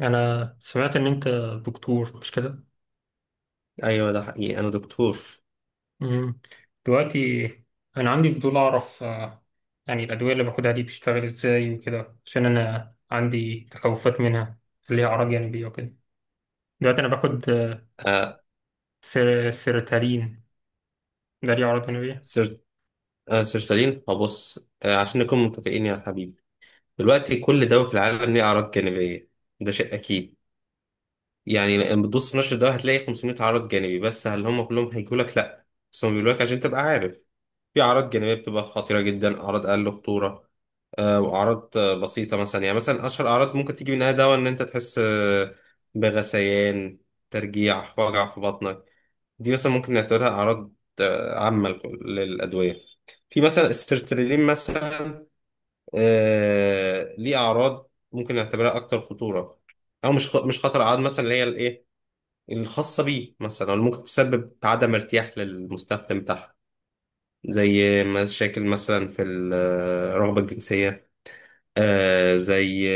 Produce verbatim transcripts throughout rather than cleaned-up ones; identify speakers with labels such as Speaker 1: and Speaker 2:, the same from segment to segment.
Speaker 1: انا سمعت ان انت دكتور مش كده؟
Speaker 2: ايوه، ده حقيقي، انا دكتور.
Speaker 1: مم. دلوقتي انا عندي فضول اعرف، آه، يعني الادويه اللي باخدها دي بتشتغل ازاي وكده، عشان انا عندي تخوفات منها، ليها اعراض جانبيه وكده. دلوقتي انا باخد، آه،
Speaker 2: آه
Speaker 1: سير سيروتالين، ده ليه اعراض جانبيه؟
Speaker 2: سير آه سير سليم، هبص، آه عشان نكون متفقين يا حبيبي. دلوقتي، كل دواء في العالم ليه اعراض جانبيه. ده شيء اكيد. يعني لما بتبص في نشر الدواء هتلاقي خمسمية عرض جانبي، بس هل هم كلهم هيجوا لك؟ لا، بس هم بيقولوا لك عشان تبقى عارف. في اعراض جانبيه بتبقى خطيره جدا، اعراض اقل خطوره، آه واعراض آه بسيطه. مثلا، يعني مثلا، اشهر اعراض ممكن تيجي منها دواء ان انت تحس آه بغثيان، ترجيع، وجع في بطنك. دي مثلا ممكن نعتبرها أعراض آه، عامة للأدوية. في مثلا السيرترلين مثلا، آه ليه أعراض ممكن نعتبرها أكتر خطورة، أو مش خ- مش خطر. أعراض مثلا اللي هي الإيه، الخاصة بيه، مثلا اللي ممكن تسبب عدم ارتياح للمستخدم بتاعها، زي مشاكل مثلا في الرغبة الجنسية، آه زي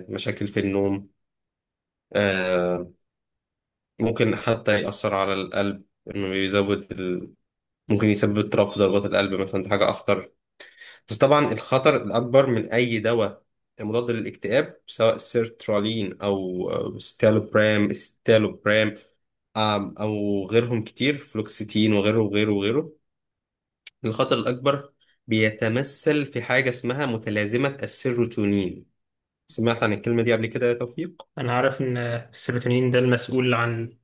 Speaker 2: آه، مشاكل في النوم، آه ممكن حتى يأثر على القلب، إنه يزود. ممكن يسبب اضطراب في ضربات القلب مثلا، دي حاجة أخطر. بس طبعا الخطر الأكبر من أي دواء مضاد للاكتئاب، سواء سيرترالين أو أو ستالوبرام ستالوبرام، آم، أو غيرهم كتير، فلوكسيتين وغيره وغيره وغيره. الخطر الأكبر بيتمثل في حاجة اسمها متلازمة السيروتونين. سمعت عن الكلمة دي قبل كده يا توفيق؟
Speaker 1: انا عارف ان، آه، السيروتونين ده المسؤول عن،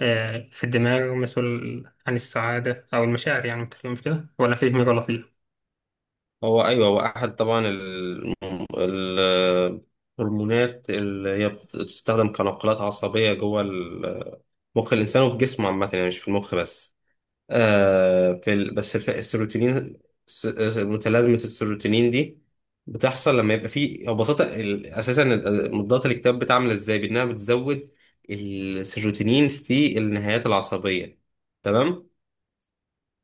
Speaker 1: آه، في الدماغ، ومسؤول عن السعاده او المشاعر، يعني مش كده ولا فهمي غلط؟
Speaker 2: هو ايوه، هو احد طبعا ال- ال- الهرمونات اللي هي بت- بتستخدم كناقلات عصبيه جوه ال- مخ الانسان وفي جسمه عامه، يعني مش في المخ بس. آه في ال... بس الف... السيروتونين. س- متلازمه السيروتونين دي بتحصل لما يبقى في، او ببساطه ال... اساسا ال- مضادات الاكتئاب بتعمل ازاي، بانها بتزود السيروتونين في النهايات العصبيه. تمام.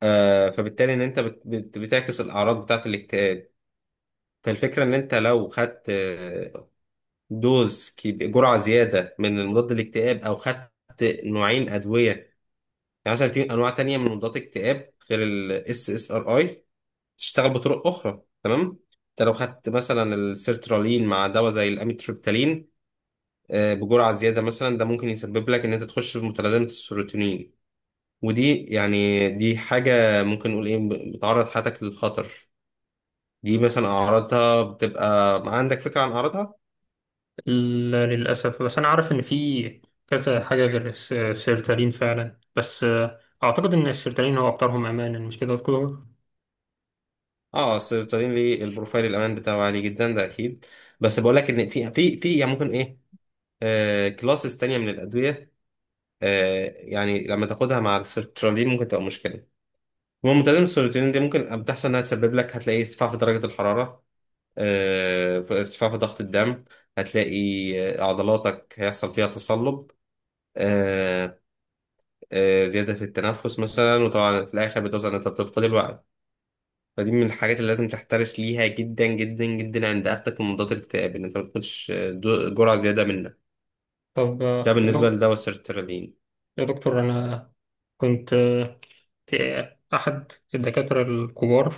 Speaker 2: آه فبالتالي، ان انت بت... بت... بتعكس الاعراض بتاعه الاكتئاب. فالفكرة إن أنت لو خدت آه، دوز كبي- جرعة زيادة من مضاد الاكتئاب، أو خدت نوعين أدوية. يعني مثلا في أنواع تانية من مضادات الاكتئاب غير ال اس اس ار اي، تشتغل بطرق أخرى. تمام. أنت لو خدت مثلا السيرترالين مع دواء زي الأميتريبتالين، آه، بجرعة زيادة مثلا، ده ممكن يسبب لك إن أنت تخش في متلازمة السيروتونين. ودي يعني دي حاجة ممكن نقول إيه، بتعرض حياتك للخطر. دي مثلا أعراضها بتبقى. عندك فكرة عن أعراضها؟
Speaker 1: لا للأسف. بس أنا عارف إن في كذا حاجة غير الس- السيرتالين فعلا، بس آه، أعتقد إن السيرتالين هو أكترهم أمانا، مش كده يا دكتور؟
Speaker 2: اه، السيرتالين ليه البروفايل الامان بتاعه عالي جدا، ده اكيد. بس بقول لك ان في في في يعني ممكن ايه، آه كلاسز تانية من الادويه، آه يعني لما تاخدها مع السيرتالين ممكن تبقى مشكله. المهم، ملتزم السيرتالين دي ممكن بتحصل انها تسبب لك، هتلاقي ارتفاع في درجه الحراره، آه في ارتفاع في ضغط الدم، هتلاقي آه، عضلاتك هيحصل فيها تصلب، آه آه زياده في التنفس مثلا، وطبعا في الاخر بتوصل ان انت بتفقد الوعي. فدي من الحاجات اللي لازم تحترس ليها جدا جدا جدا عند اخدك من مضادات الاكتئاب، ان انت ما تاخدش دو- جرعه زياده منك.
Speaker 1: طب
Speaker 2: ده
Speaker 1: آه، يا
Speaker 2: بالنسبه
Speaker 1: دك-
Speaker 2: لدواء السيرترالين.
Speaker 1: يا دكتور، أنا كنت، آه، في أحد الدكاترة الكبار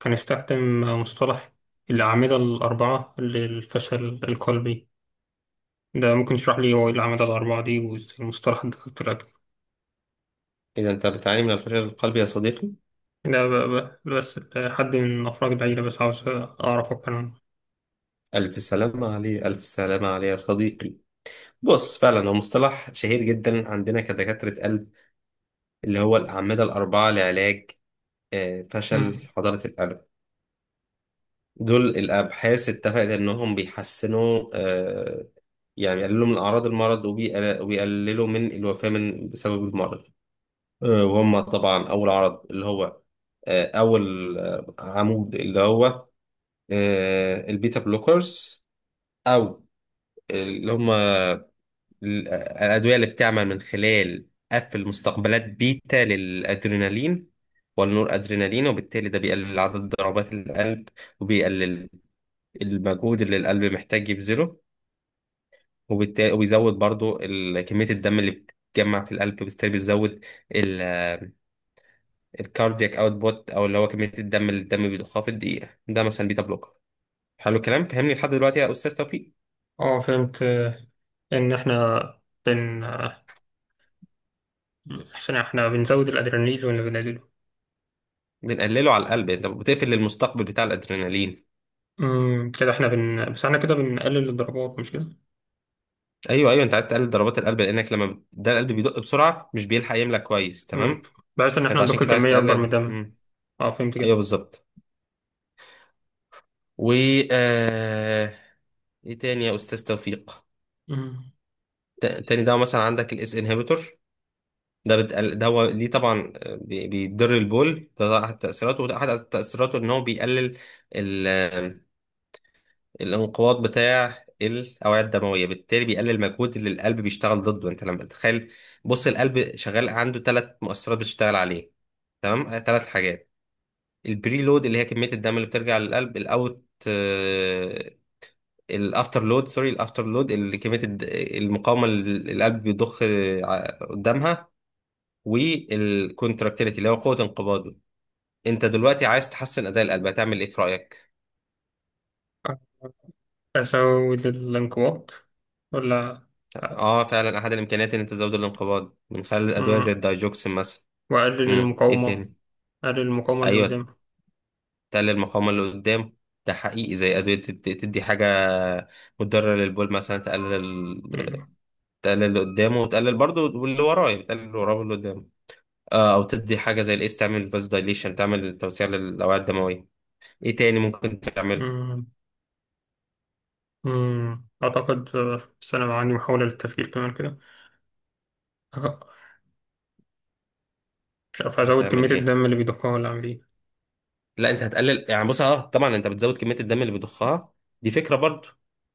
Speaker 1: كان استخدم مصطلح الأعمدة الأربعة للفشل القلبي. ده ممكن تشرح لي هو إيه الأعمدة الأربعة دي والمصطلح ده طلع؟
Speaker 2: اذا انت بتعاني من الفشل القلبي يا صديقي.
Speaker 1: ده ب- ب- بس حد من أفراد العيلة، بس عاوز أعرف أكتر
Speaker 2: الف سلامه عليه، الف سلامه عليه يا صديقي. بص، فعلا هو مصطلح شهير جدا عندنا كدكاتره قلب، اللي هو الاعمده الاربعه لعلاج آه، فشل
Speaker 1: عنه.
Speaker 2: حضاره القلب. دول الابحاث اتفقت انهم بيحسنوا، آه، يعني يقللوا من اعراض المرض، وبيقل- وبيقللوا من الوفاه من بسبب المرض. آه، وهم طبعا أول عرض اللي هو آه، أول آه، عمود اللي هو آه، البيتا بلوكرز، أو اللي هم الأدوية اللي بتعمل من خلال قفل مستقبلات بيتا للأدرينالين والنور أدرينالين، وبالتالي ده بيقلل عدد ضربات القلب، وبيقلل المجهود اللي القلب محتاج يبذله. وبالتالي وبيزود برضو ال- كمية الدم اللي بتتجمع في القلب، وبالتالي بيزود الكاردياك اوتبوت، او اللي هو كميه الدم اللي الدم بيضخها في الدقيقه. ده مثلا بيتا بلوكر. حلو الكلام، فهمني لحد دلوقتي يا استاذ توفيق؟
Speaker 1: اه فهمت، آه، ان احنا بن آه، عشان احنا بنزود الادرينالين ولا بنقلله؟
Speaker 2: بنقلله على القلب، انت بتقفل المستقبل بتاع الادرينالين.
Speaker 1: امم، كده احنا بن بس احنا كده بنقلل الضربات مش كده؟
Speaker 2: ايوه ايوه، انت عايز تقلل ضربات القلب، لانك لما بت- ده القلب بيدق بسرعه، مش بيلحق يملى كويس.
Speaker 1: امم،
Speaker 2: تمام.
Speaker 1: بحيث ان
Speaker 2: انت
Speaker 1: احنا
Speaker 2: عشان
Speaker 1: نضخ
Speaker 2: كده عايز
Speaker 1: كمية اكبر من
Speaker 2: تقلل
Speaker 1: الدم.
Speaker 2: مم.
Speaker 1: اه فهمت
Speaker 2: ايوه
Speaker 1: كده.
Speaker 2: بالظبط. و آه... ايه تاني يا استاذ توفيق؟
Speaker 1: امم،
Speaker 2: ت- تاني، ده مثلا عندك الاس انهبيتور. ده بت... ده هو دي طبعا بي- بيضر البول، ده احد تأثيراته، وده احد تأثيراته ان هو بيقلل ال... الانقباض بتاع الاوعية الدموية، بالتالي بيقلل المجهود اللي القلب بيشتغل ضده. انت لما تتخيل، بص، القلب شغال عنده ثلاث مؤثرات بتشتغل عليه، تمام؟ ثلاث حاجات: البري لود اللي هي كمية الدم اللي بترجع للقلب، الاوت آه، الافتر لود، سوري الافتر لود اللي كمية الد- المقاومة اللي القلب بيضخ آه، قدامها، والكونتراكتيليتي اللي هو قوة انقباضه. انت دلوقتي عايز تحسن اداء القلب، هتعمل ايه في رأيك؟
Speaker 1: ازود الانقباض ولا؟
Speaker 2: اه، فعلا احد الامكانيات ان انت تزود الانقباض من خلال ادوية
Speaker 1: امم،
Speaker 2: زي الدايجوكسين مثلا.
Speaker 1: واقلل
Speaker 2: امم ايه
Speaker 1: المقاومة.
Speaker 2: تاني؟
Speaker 1: اقلل المقاومة اللي
Speaker 2: ايوه،
Speaker 1: قدام.
Speaker 2: تقلل المقاومة اللي قدام. ده حقيقي، زي ادوية تد- تدي حاجة مضرة للبول مثلا، تقلل
Speaker 1: امم.
Speaker 2: تقلل اللي قدامه، وتقلل برضه اللي وراه، يعني تقلل اللي وراه واللي قدامه. آه او تدي حاجة زي الاس، تعمل فاز دايليشن، تعمل توسيع للاوعية الدموية. ايه تاني ممكن تعمل؟
Speaker 1: امم. أمم. اعتقد آه، بس انا عندي محاولة للتفكير كمان كده، آه، مش عارف ازود كمية
Speaker 2: هتعمل ايه؟
Speaker 1: الدم اللي بيضخها ولا اعمل ايه؟
Speaker 2: لا، انت هتقلل. يعني بص، اه طبعا، انت بتزود كميه الدم اللي بيضخها، دي فكره برضو.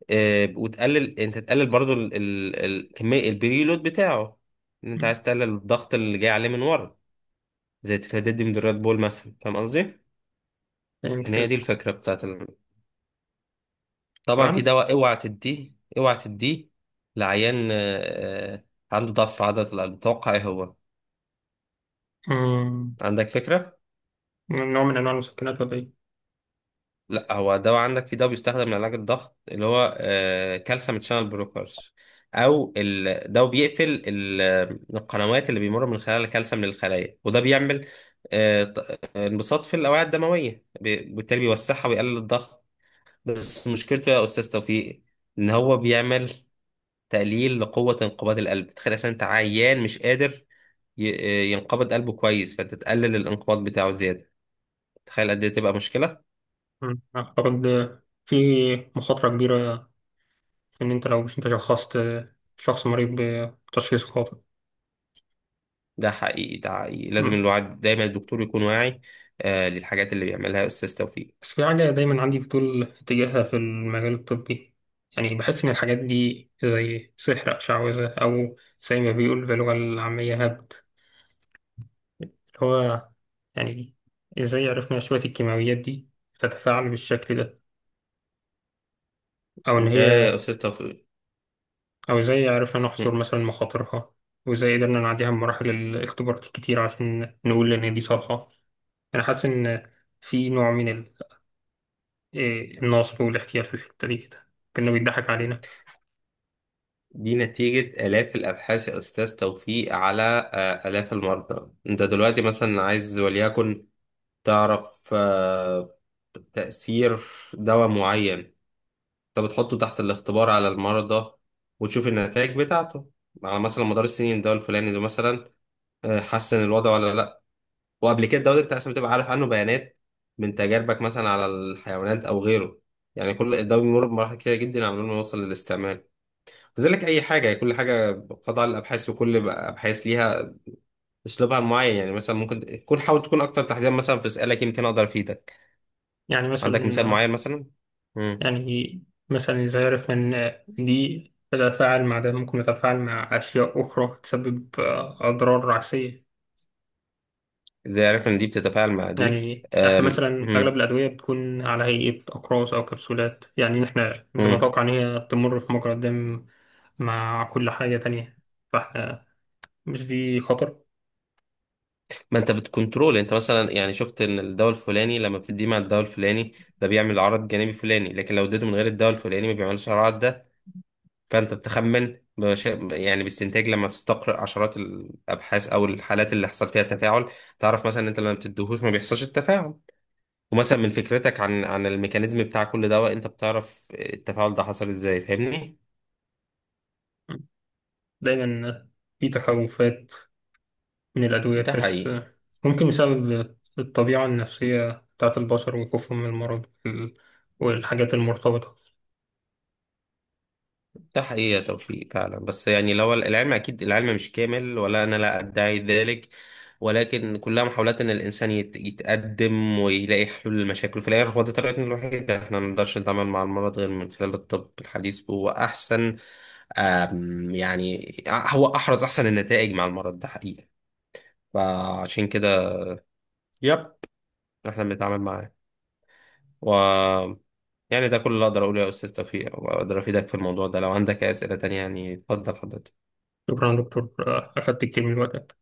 Speaker 2: آه وتقلل، انت تقلل برضو ال- ال- ال- كميه البريلود بتاعه، ان انت
Speaker 1: أمم.
Speaker 2: عايز تقلل الضغط اللي جاي عليه من ورا، زي تفادي من الريد بول مثلا. فاهم قصدي؟
Speaker 1: فهمت
Speaker 2: ان هي
Speaker 1: كده.
Speaker 2: دي الفكره بتاعت ال... طبعا في
Speaker 1: طبعا.
Speaker 2: دواء اوعى تديه، اوعى تديه لعيان آه آه، عنده ضعف في عضله القلب. توقع ايه هو،
Speaker 1: مم،
Speaker 2: عندك فكره؟
Speaker 1: نوع من أنواع المسكنات ولا إيه؟
Speaker 2: لا، هو دواء. عندك في دواء بيستخدم لعلاج الضغط اللي هو آه، كالسيوم شانل بلوكرز، او ال- ده بيقفل ال- القنوات اللي بيمر من خلالها الكالسيوم للخلايا، وده بيعمل آه، ط- انبساط في الاوعيه الدمويه، ب- بالتالي بيوسعها ويقلل الضغط. بس مشكلته يا استاذ توفيق، ان هو بيعمل تقليل لقوه انقباض القلب. تخيل، اصلا انت عيان مش قادر ي- آه، ينقبض قلبه كويس، فانت تقلل الانقباض بتاعه زياده. تخيل قد ايه تبقى مشكله.
Speaker 1: مم، أعتقد، آه، في مخاطرة كبيرة في إن أنت، لو مش أنت شخصت، آه، شخص مريض بتشخيص خاطئ.
Speaker 2: ده حقيقي، ده حقيقي، لازم
Speaker 1: مم.
Speaker 2: الواحد دايما الدكتور يكون واعي آه للحاجات اللي بيعملها أستاذ توفيق.
Speaker 1: بس في حاجة دايما عندي فضول تجاهها في المجال الطبي، يعني بحس إن الحاجات دي زي سحر أو شعوذة، أو زي ما بيقول باللغة العامية، هبد، اللي هو يعني، إزاي عرفنا شوية الكيماويات دي تتفاعل بالشكل ده، أو إن
Speaker 2: ده
Speaker 1: هي،
Speaker 2: يا أستاذ توفيق
Speaker 1: أو إزاي عرفنا
Speaker 2: م.
Speaker 1: نحصر مثلا مخاطرها، وإزاي قدرنا نعديها بمراحل الاختبارات الكتير عشان نقول إن دي صالحة؟ أنا حاسس إن في نوع من ال- إيه، النصب والاحتيال في الحتة دي كده، كأنه بيضحك علينا.
Speaker 2: دي نتيجة آلاف الأبحاث يا أستاذ توفيق، على آه آلاف المرضى. أنت دلوقتي مثلا عايز، وليكن، تعرف آه تأثير دواء معين. أنت بتحطه تحت الاختبار على المرضى، وتشوف النتائج بتاعته على مثلا مدار السنين، الدواء الفلاني ده مثلا آه، حسن الوضع ولا. وقبل كده دورة عشان بتبقى عارف عنه بيانات، من تجاربك مثلا على الحيوانات او غيره. يعني كل الدواء بيمر بمراحل كتيرة جدا قبل ما يوصل للاستعمال. كذلك اي حاجة، كل حاجة، قطع الابحاث، وكل بقى ابحاث ليها اسلوبها معين. يعني مثلا ممكن تكون، حاول تكون اكتر تحديدا مثلا في اسئلة يمكن اقدر افيدك.
Speaker 1: يعني
Speaker 2: عندك مثال
Speaker 1: مثلا
Speaker 2: معين مثلا؟ امم
Speaker 1: يعني مثلا، إزاي عرفنا إن دي تتفاعل مع ده، ممكن تتفاعل مع أشياء أخرى تسبب، آه، أضرار عكسية؟
Speaker 2: ازاي عارف ان دي بتتفاعل مع دي؟
Speaker 1: يعني احنا مثلا اغلب
Speaker 2: امم
Speaker 1: الادويه بتكون على هيئه اقراص او كبسولات، يعني احنا
Speaker 2: امم
Speaker 1: بنتوقع ان هي تمر في مجرى الدم مع كل حاجه تانية، فاحنا مش دي خطر؟
Speaker 2: ما انت بتكنترول، انت مثلا يعني شفت ان الدواء الفلاني لما بتديه مع الدواء الفلاني ده بيعمل عرض جانبي فلاني، لكن لو اديته من غير الدواء الفلاني ما بيعملش العرض ده. فانت بتخمن بش... يعني باستنتاج، لما بتستقرأ عشرات الابحاث او الحالات اللي حصل فيها تفاعل، تعرف مثلا ان انت لما بتديهوش ما بيحصلش التفاعل. ومثلا من فكرتك عن عن الميكانيزم بتاع كل دواء، انت بتعرف التفاعل ده حصل ازاي. فاهمني؟
Speaker 1: دايما في تخوفات من الادويه
Speaker 2: ده
Speaker 1: تحس،
Speaker 2: حقيقي،
Speaker 1: ممكن بسبب الطبيعه النفسيه بتاعت البشر وخوفهم من المرض وال- والحاجات المرتبطه.
Speaker 2: ده حقيقة توفيق، فعلا. بس يعني لو العلم، أكيد العلم مش كامل، ولا أنا لا أدعي ذلك، ولكن كلها محاولات إن الإنسان يت- يتقدم ويلاقي حلول للمشاكل. في الآخر، هو ده طريقتنا الوحيدة. إحنا ما نقدرش نتعامل مع المرض غير من خلال الطب الحديث، هو أحسن. آم، يعني هو أحرز أحسن النتائج مع المرض، ده حقيقة. فعشان كده، يب إحنا بنتعامل معاه، و يعني ده كل اللي أقدر أقوله يا أستاذ توفيق، وأقدر أفيدك في الموضوع ده. لو عندك أي أسئلة تانية يعني، اتفضل حضرتك.
Speaker 1: شكرا يا دكتور، اخدت كتير من الوقت.